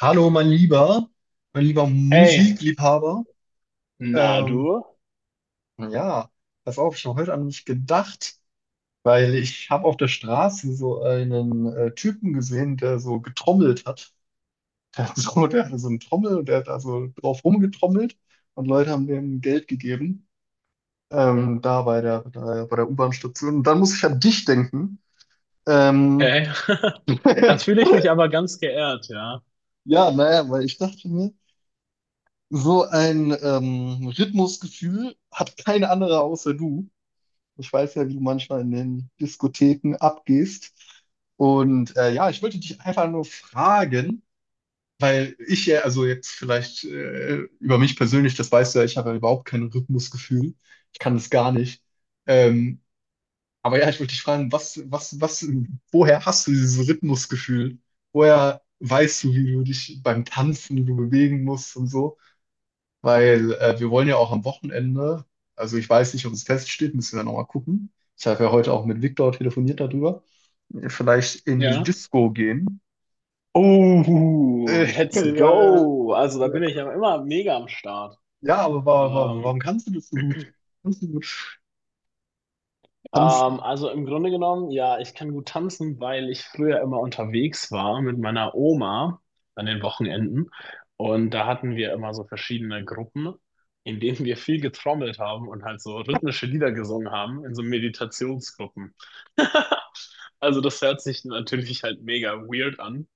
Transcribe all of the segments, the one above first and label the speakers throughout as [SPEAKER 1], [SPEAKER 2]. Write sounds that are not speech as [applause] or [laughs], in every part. [SPEAKER 1] Hallo, mein lieber
[SPEAKER 2] Hey,
[SPEAKER 1] Musikliebhaber.
[SPEAKER 2] na
[SPEAKER 1] Ähm,
[SPEAKER 2] du?
[SPEAKER 1] ja, pass auf, ich habe heute an mich gedacht, weil ich habe auf der Straße so einen Typen gesehen, der so getrommelt hat. [laughs] Der hat so, der hatte so eine Trommel und der hat da so drauf rumgetrommelt und Leute haben dem Geld gegeben, da bei bei der U-Bahn-Station. Und dann muss ich an dich denken. Ähm,
[SPEAKER 2] Okay. [laughs]
[SPEAKER 1] [laughs]
[SPEAKER 2] Da fühle ich mich aber ganz geehrt, ja.
[SPEAKER 1] ja, naja, weil ich dachte mir, so ein Rhythmusgefühl hat keine andere außer du. Ich weiß ja, wie du manchmal in den Diskotheken abgehst. Und ja, ich wollte dich einfach nur fragen, weil ich ja, also jetzt vielleicht über mich persönlich, das weißt du ja, ich habe ja überhaupt kein Rhythmusgefühl. Ich kann das gar nicht. Ähm, aber ja, ich wollte dich fragen, woher hast du dieses Rhythmusgefühl? Woher weißt du, wie du dich beim Tanzen, wie du bewegen musst und so? Weil wir wollen ja auch am Wochenende, also ich weiß nicht, ob es feststeht, müssen wir nochmal gucken. Ich habe ja heute auch mit Viktor telefoniert darüber. Vielleicht in die
[SPEAKER 2] Ja.
[SPEAKER 1] Disco gehen.
[SPEAKER 2] Oh,
[SPEAKER 1] Äh, [laughs] ja,
[SPEAKER 2] let's
[SPEAKER 1] ja,
[SPEAKER 2] go. Also da
[SPEAKER 1] ja,
[SPEAKER 2] bin ich ja immer mega am Start.
[SPEAKER 1] Ja, aber warum
[SPEAKER 2] Ähm,
[SPEAKER 1] kannst du das so gut? Kannst du so gut tanzen?
[SPEAKER 2] also im Grunde genommen, ja, ich kann gut tanzen, weil ich früher immer unterwegs war mit meiner Oma an den Wochenenden. Und da hatten wir immer so verschiedene Gruppen, in denen wir viel getrommelt haben und halt so rhythmische Lieder gesungen haben in so Meditationsgruppen. Also das hört sich natürlich halt mega weird an.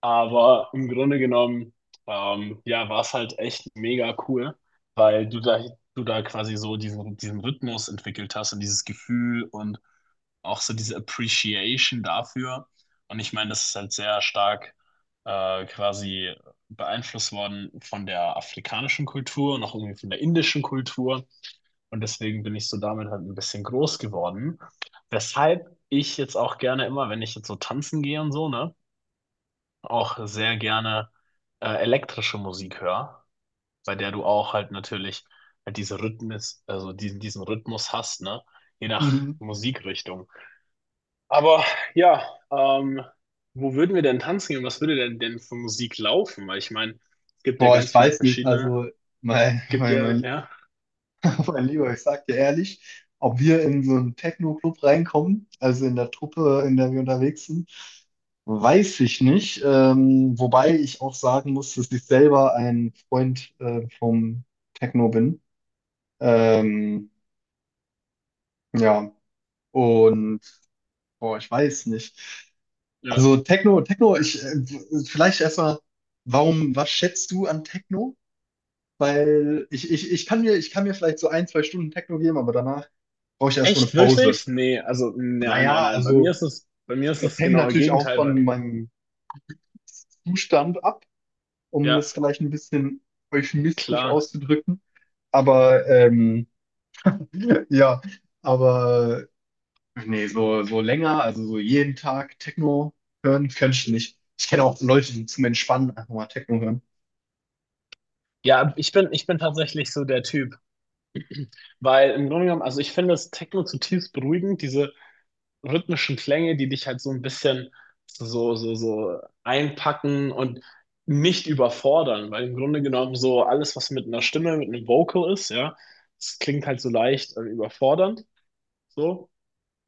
[SPEAKER 2] Aber im Grunde genommen, ja, war es halt echt mega cool, weil du da quasi so diesen Rhythmus entwickelt hast und dieses Gefühl und auch so diese Appreciation dafür. Und ich meine, das ist halt sehr stark quasi beeinflusst worden von der afrikanischen Kultur und auch irgendwie von der indischen Kultur. Und deswegen bin ich so damit halt ein bisschen groß geworden. Weshalb ich jetzt auch gerne immer, wenn ich jetzt so tanzen gehe und so, ne? Auch sehr gerne elektrische Musik höre, bei der du auch halt natürlich halt diese Rhythmus, also diesen Rhythmus hast, ne? Je nach
[SPEAKER 1] Mhm.
[SPEAKER 2] Musikrichtung. Aber ja, ähm, wo würden wir denn tanzen gehen? Was würde denn für Musik laufen? Weil ich meine, es gibt ja
[SPEAKER 1] Boah, ich
[SPEAKER 2] ganz viele
[SPEAKER 1] weiß nicht.
[SPEAKER 2] verschiedene.
[SPEAKER 1] Also mein,
[SPEAKER 2] Es gibt
[SPEAKER 1] mein, mein Mein Lieber, ich sag dir ehrlich, ob wir in so einen Techno-Club reinkommen, also in der Truppe, in der wir unterwegs sind, weiß ich nicht. Wobei ich auch sagen muss, dass ich selber ein Freund vom Techno bin. Ähm, ja, und boah, ich weiß nicht. Also
[SPEAKER 2] ja.
[SPEAKER 1] Ich vielleicht erstmal, warum, was schätzt du an Techno? Weil ich kann mir vielleicht so ein, zwei Stunden Techno geben, aber danach brauche ich erstmal eine
[SPEAKER 2] Echt,
[SPEAKER 1] Pause.
[SPEAKER 2] wirklich? Nee, also nee, nein, nein,
[SPEAKER 1] Naja,
[SPEAKER 2] nein. Bei mir
[SPEAKER 1] also
[SPEAKER 2] ist es, bei mir ist
[SPEAKER 1] es
[SPEAKER 2] es
[SPEAKER 1] hängt
[SPEAKER 2] genau das genaue
[SPEAKER 1] natürlich auch
[SPEAKER 2] Gegenteil, weil,
[SPEAKER 1] von meinem Zustand ab, um
[SPEAKER 2] ja,
[SPEAKER 1] das vielleicht ein bisschen euphemistisch
[SPEAKER 2] klar.
[SPEAKER 1] auszudrücken. Aber [laughs] ja, aber nee, so, so länger, also so jeden Tag Techno hören, könnte ich nicht. Ich kenne auch Leute, die zum Entspannen einfach mal Techno hören.
[SPEAKER 2] Ja, ich bin tatsächlich so der Typ. Weil im Grunde genommen, also ich finde das Techno zutiefst beruhigend, diese rhythmischen Klänge, die dich halt so ein bisschen so einpacken und nicht überfordern, weil im Grunde genommen so alles, was mit einer Stimme, mit einem Vocal ist, ja, das klingt halt so leicht überfordernd, so.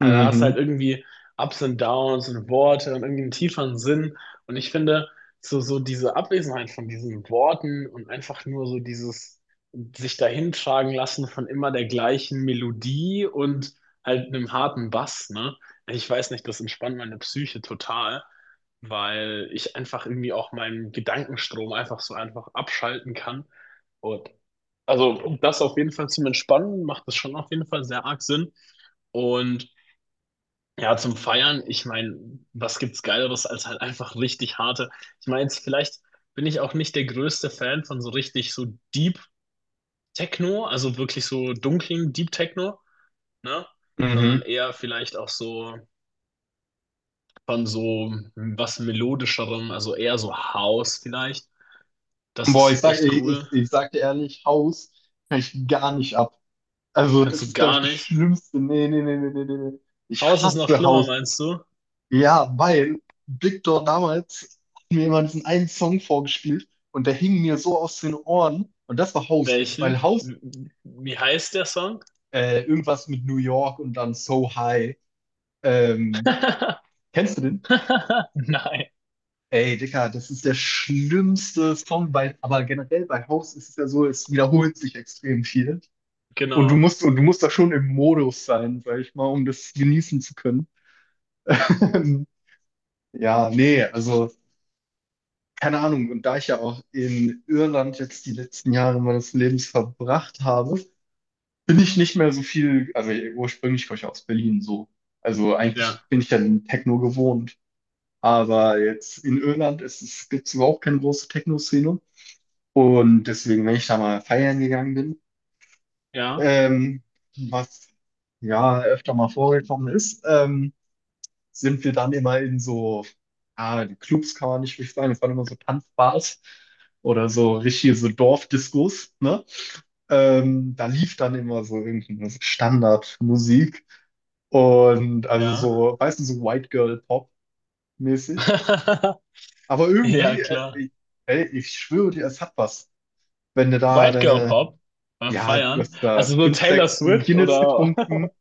[SPEAKER 2] Dann hast du halt irgendwie Ups und Downs und Worte und irgendwie einen tieferen Sinn. Und ich finde, diese Abwesenheit von diesen Worten und einfach nur so dieses sich dahintragen lassen von immer der gleichen Melodie und halt einem harten Bass, ne? Ich weiß nicht, das entspannt meine Psyche total, weil ich einfach irgendwie auch meinen Gedankenstrom einfach so einfach abschalten kann. Und also um das auf jeden Fall zum Entspannen macht das schon auf jeden Fall sehr arg Sinn. Und ja, zum Feiern, ich meine, was gibt's Geileres als halt einfach richtig harte. Ich meine, jetzt vielleicht bin ich auch nicht der größte Fan von so richtig so Deep Techno, also wirklich so dunklen Deep Techno, ne?
[SPEAKER 1] mhm.
[SPEAKER 2] Sondern eher vielleicht auch so von so was melodischerem, also eher so House vielleicht. Das
[SPEAKER 1] Boah,
[SPEAKER 2] ist echt cool.
[SPEAKER 1] ich sag dir ehrlich, Haus kann ich gar nicht ab. Also
[SPEAKER 2] Kannst
[SPEAKER 1] das
[SPEAKER 2] du
[SPEAKER 1] ist, glaube ich,
[SPEAKER 2] gar
[SPEAKER 1] die
[SPEAKER 2] nicht.
[SPEAKER 1] schlimmste. Nee, nee, nee, nee, nee, nee, nee. Ich
[SPEAKER 2] House ist noch
[SPEAKER 1] hasse
[SPEAKER 2] schlimmer,
[SPEAKER 1] Haus.
[SPEAKER 2] meinst du?
[SPEAKER 1] Ja, weil Big damals hat mir immer diesen einen Song vorgespielt und der hing mir so aus den Ohren und das war House, weil
[SPEAKER 2] Welchen?
[SPEAKER 1] House
[SPEAKER 2] Wie heißt der Song?
[SPEAKER 1] irgendwas mit New York und dann So High. Ähm,
[SPEAKER 2] [laughs]
[SPEAKER 1] Kennst du den?
[SPEAKER 2] Nein,
[SPEAKER 1] Ey, Dicker, das ist der schlimmste Song, weil, aber generell bei House ist es ja so, es wiederholt sich extrem viel und
[SPEAKER 2] genau.
[SPEAKER 1] du musst da schon im Modus sein, sag ich mal, um das genießen zu können. [laughs] Ja, nee, also keine Ahnung, und da ich ja auch in Irland jetzt die letzten Jahre meines Lebens verbracht habe, bin ich nicht mehr so viel, also ursprünglich komme ich ja aus Berlin so. Also
[SPEAKER 2] Ja.
[SPEAKER 1] eigentlich bin ich ja den Techno gewohnt. Aber jetzt in Irland ist es, gibt es überhaupt keine große Techno-Szene. Und deswegen, wenn ich da mal feiern gegangen bin,
[SPEAKER 2] Ja.
[SPEAKER 1] ähm, was ja öfter mal vorgekommen ist, sind wir dann immer in so, ah, die Clubs kann man nicht richtig sagen, das waren immer so Tanzbars oder so richtige so Dorfdiscos, ne? Da lief dann immer so irgendeine Standardmusik und also
[SPEAKER 2] Ja.
[SPEAKER 1] so, weißt du, so White Girl Pop mäßig.
[SPEAKER 2] [laughs]
[SPEAKER 1] Aber
[SPEAKER 2] Ja,
[SPEAKER 1] irgendwie,
[SPEAKER 2] klar.
[SPEAKER 1] ey, ich schwöre dir, es hat was, wenn du da
[SPEAKER 2] White Girl
[SPEAKER 1] deine,
[SPEAKER 2] Pop beim
[SPEAKER 1] ja, du
[SPEAKER 2] Feiern.
[SPEAKER 1] hast da
[SPEAKER 2] Also nur
[SPEAKER 1] fünf,
[SPEAKER 2] Taylor
[SPEAKER 1] sechs
[SPEAKER 2] Swift
[SPEAKER 1] Guinness
[SPEAKER 2] oder. [laughs]
[SPEAKER 1] getrunken.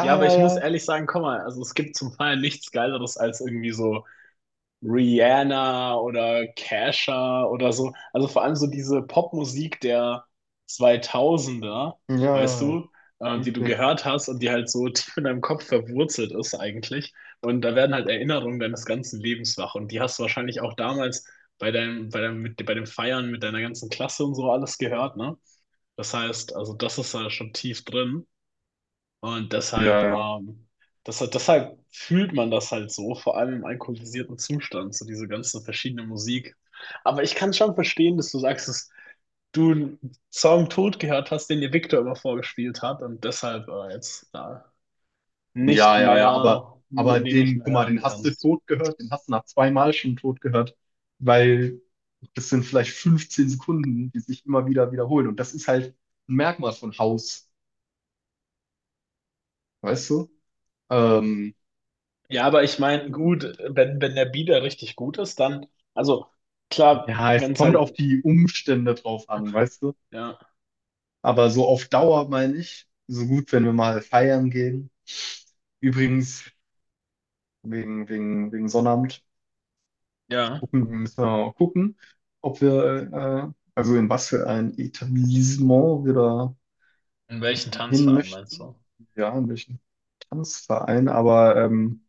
[SPEAKER 2] Ja, aber
[SPEAKER 1] ja,
[SPEAKER 2] ich muss
[SPEAKER 1] ja.
[SPEAKER 2] ehrlich sagen, komm mal, also es gibt zum Feiern nichts Geileres als irgendwie so. Rihanna oder Kesha oder so. Also vor allem so diese Popmusik der Zweitausender,
[SPEAKER 1] Ja,
[SPEAKER 2] weißt
[SPEAKER 1] ja, ja.
[SPEAKER 2] du, die du
[SPEAKER 1] Komplett.
[SPEAKER 2] gehört hast und die halt so [laughs] tief in deinem Kopf verwurzelt ist eigentlich. Und da werden halt Erinnerungen deines ganzen Lebens wach. Und die hast du wahrscheinlich auch damals bei deinem, mit, bei dem Feiern mit deiner ganzen Klasse und so alles gehört, ne? Das heißt, also das ist da schon tief drin. Und
[SPEAKER 1] Ja,
[SPEAKER 2] deshalb,
[SPEAKER 1] ja.
[SPEAKER 2] deshalb fühlt man das halt so, vor allem im alkoholisierten Zustand, so diese ganze verschiedene Musik. Aber ich kann schon verstehen, dass du sagst, dass du einen Song tot gehört hast, den dir Victor immer vorgespielt hat und deshalb jetzt da nicht
[SPEAKER 1] Ja, ja, ja,
[SPEAKER 2] mehr,
[SPEAKER 1] aber
[SPEAKER 2] nee, den nicht
[SPEAKER 1] den,
[SPEAKER 2] mehr
[SPEAKER 1] guck mal,
[SPEAKER 2] hören
[SPEAKER 1] den hast du
[SPEAKER 2] kannst.
[SPEAKER 1] tot gehört, den hast du nach zweimal schon tot gehört, weil das sind vielleicht 15 Sekunden, die sich immer wieder wiederholen. Und das ist halt ein Merkmal von Haus, weißt du? Ähm,
[SPEAKER 2] Ja, aber ich meine, gut, wenn der Bieder richtig gut ist, dann, also klar,
[SPEAKER 1] ja,
[SPEAKER 2] wenn
[SPEAKER 1] es
[SPEAKER 2] es
[SPEAKER 1] kommt
[SPEAKER 2] halt,
[SPEAKER 1] auf die Umstände drauf an, weißt du?
[SPEAKER 2] ja,
[SPEAKER 1] Aber so auf Dauer meine ich, so gut, wenn wir mal feiern gehen. Übrigens, wegen Sonnabend.
[SPEAKER 2] ja.
[SPEAKER 1] Gucken, müssen wir mal gucken, ob wir, also in was für ein Etablissement wir da
[SPEAKER 2] In welchen
[SPEAKER 1] hin
[SPEAKER 2] Tanzverein meinst
[SPEAKER 1] möchten.
[SPEAKER 2] du?
[SPEAKER 1] Ja, in welchen Tanzverein, aber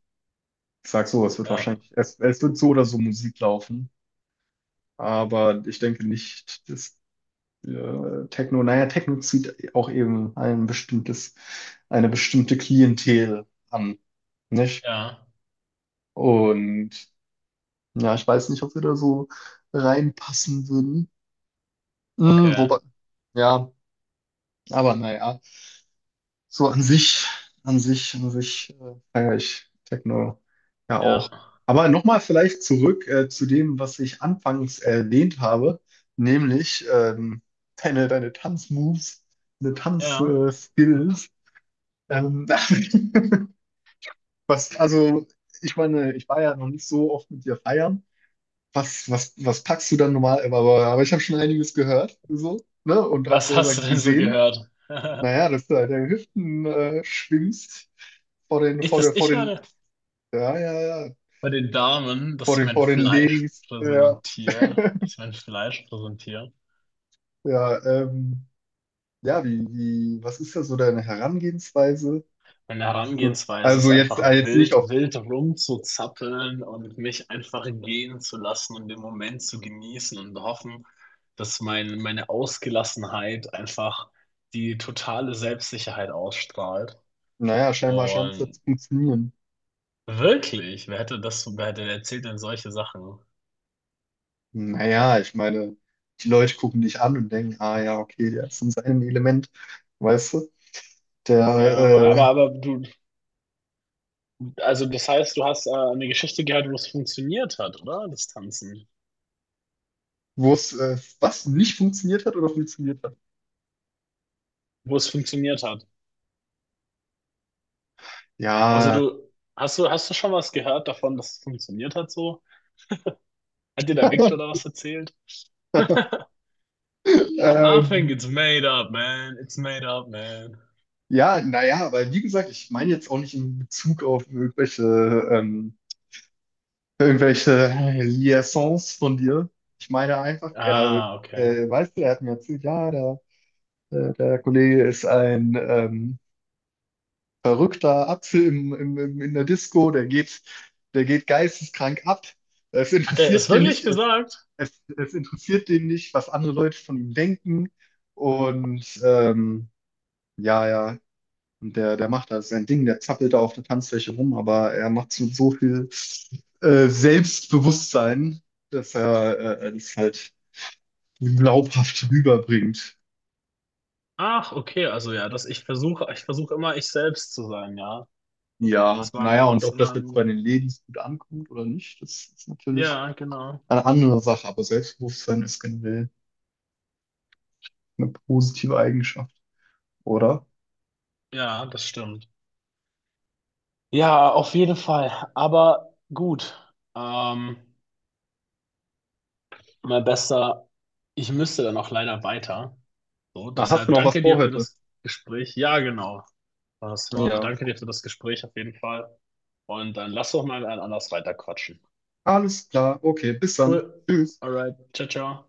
[SPEAKER 1] ich sag so, es wird
[SPEAKER 2] Ja,
[SPEAKER 1] wahrscheinlich, es wird so oder so Musik laufen, aber ich denke nicht, dass Techno, naja, Techno zieht auch eben ein bestimmtes, eine bestimmte Klientel an, nicht?
[SPEAKER 2] ja,
[SPEAKER 1] Und ja, ich weiß nicht, ob wir da so reinpassen würden. Mm,
[SPEAKER 2] okay,
[SPEAKER 1] wobei, ja, aber naja, so an sich feiere ich Techno ja auch.
[SPEAKER 2] ja.
[SPEAKER 1] Aber nochmal vielleicht zurück zu dem, was ich anfangs erwähnt habe, nämlich deine Tanzmoves, deine
[SPEAKER 2] Ja.
[SPEAKER 1] Tanzskills. Ähm, [laughs] was, also, ich meine, ich war ja noch nicht so oft mit dir feiern. Was packst du dann normal? Aber ich habe schon einiges gehört, so, ne? Und auch
[SPEAKER 2] Was
[SPEAKER 1] selber
[SPEAKER 2] hast du denn so
[SPEAKER 1] gesehen.
[SPEAKER 2] gehört? [laughs]
[SPEAKER 1] Naja, dass du halt deine Hüften schwingst vor den,
[SPEAKER 2] Ich,
[SPEAKER 1] vor der,
[SPEAKER 2] dass
[SPEAKER 1] vor
[SPEAKER 2] ich
[SPEAKER 1] den,
[SPEAKER 2] meine,
[SPEAKER 1] ja, ja, ja,
[SPEAKER 2] bei den Damen,
[SPEAKER 1] vor
[SPEAKER 2] dass ich mein
[SPEAKER 1] den
[SPEAKER 2] Fleisch
[SPEAKER 1] Ladies. Ja,
[SPEAKER 2] präsentiere, dass
[SPEAKER 1] [laughs]
[SPEAKER 2] ich mein Fleisch präsentiere.
[SPEAKER 1] ja, ja, was ist da so deine Herangehensweise?
[SPEAKER 2] Meine
[SPEAKER 1] Hast du,
[SPEAKER 2] Herangehensweise ist
[SPEAKER 1] also jetzt,
[SPEAKER 2] einfach
[SPEAKER 1] jetzt nicht
[SPEAKER 2] wild,
[SPEAKER 1] auf,
[SPEAKER 2] wild rumzuzappeln und mich einfach gehen zu lassen und den Moment zu genießen und hoffen, dass meine Ausgelassenheit einfach die totale Selbstsicherheit ausstrahlt.
[SPEAKER 1] naja, scheinbar scheint es ja zu
[SPEAKER 2] Und
[SPEAKER 1] funktionieren.
[SPEAKER 2] wirklich, wer hätte das, wer hätte erzählt denn solche Sachen?
[SPEAKER 1] Naja, ich meine, die Leute gucken dich an und denken, ah ja, okay, der ist in seinem Element, weißt du?
[SPEAKER 2] Ja,
[SPEAKER 1] Der,
[SPEAKER 2] aber du, also das heißt, du hast eine Geschichte gehört, wo es funktioniert hat, oder? Das Tanzen.
[SPEAKER 1] wo was nicht funktioniert hat oder funktioniert hat.
[SPEAKER 2] Wo es funktioniert hat. Also
[SPEAKER 1] Ja.
[SPEAKER 2] du, hast du schon was gehört davon, dass es funktioniert hat so? Hat dir der Victor
[SPEAKER 1] [laughs]
[SPEAKER 2] da was erzählt? [laughs] I think
[SPEAKER 1] Ähm,
[SPEAKER 2] it's made up, man. It's made up, man.
[SPEAKER 1] ja, naja, aber wie gesagt, ich meine jetzt auch nicht in Bezug auf irgendwelche, ähm, irgendwelche Liaisons von dir. Ich meine einfach,
[SPEAKER 2] Ah, okay.
[SPEAKER 1] weißt du, er hat mir erzählt, ja, der Kollege ist ein verrückter Apfel in der Disco, der geht geisteskrank ab. Es
[SPEAKER 2] Hat er es
[SPEAKER 1] interessiert den
[SPEAKER 2] wirklich
[SPEAKER 1] nicht,
[SPEAKER 2] gesagt?
[SPEAKER 1] es interessiert den nicht, was andere Leute von ihm denken. Und ja, ja, und der macht da sein Ding, der zappelt da auf der Tanzfläche rum, aber er macht es mit so viel Selbstbewusstsein, dass er das halt glaubhaft rüberbringt.
[SPEAKER 2] Ach, okay. Also ja, dass ich versuche immer ich selbst zu sein, ja.
[SPEAKER 1] Ja,
[SPEAKER 2] Das war, ein-
[SPEAKER 1] naja, und
[SPEAKER 2] das ist
[SPEAKER 1] ob
[SPEAKER 2] immer
[SPEAKER 1] das jetzt bei
[SPEAKER 2] ein,
[SPEAKER 1] den Ladies gut ankommt oder nicht, das ist natürlich
[SPEAKER 2] ja, genau.
[SPEAKER 1] eine andere Sache, aber Selbstbewusstsein ist generell eine positive Eigenschaft, oder?
[SPEAKER 2] Ja, das stimmt. Ja, auf jeden Fall. Aber gut. Ähm, mein Bester, ich müsste dann auch leider weiter. So,
[SPEAKER 1] Na, hast du
[SPEAKER 2] deshalb
[SPEAKER 1] noch was
[SPEAKER 2] danke
[SPEAKER 1] vor
[SPEAKER 2] dir für
[SPEAKER 1] heute?
[SPEAKER 2] das Gespräch. Ja, genau, war es war. Aber
[SPEAKER 1] Ja.
[SPEAKER 2] danke dir für das Gespräch auf jeden Fall. Und dann lass doch mal ein anders weiter quatschen.
[SPEAKER 1] Alles klar, okay, bis dann.
[SPEAKER 2] Cool.
[SPEAKER 1] Tschüss.
[SPEAKER 2] Alright. Ciao, ciao.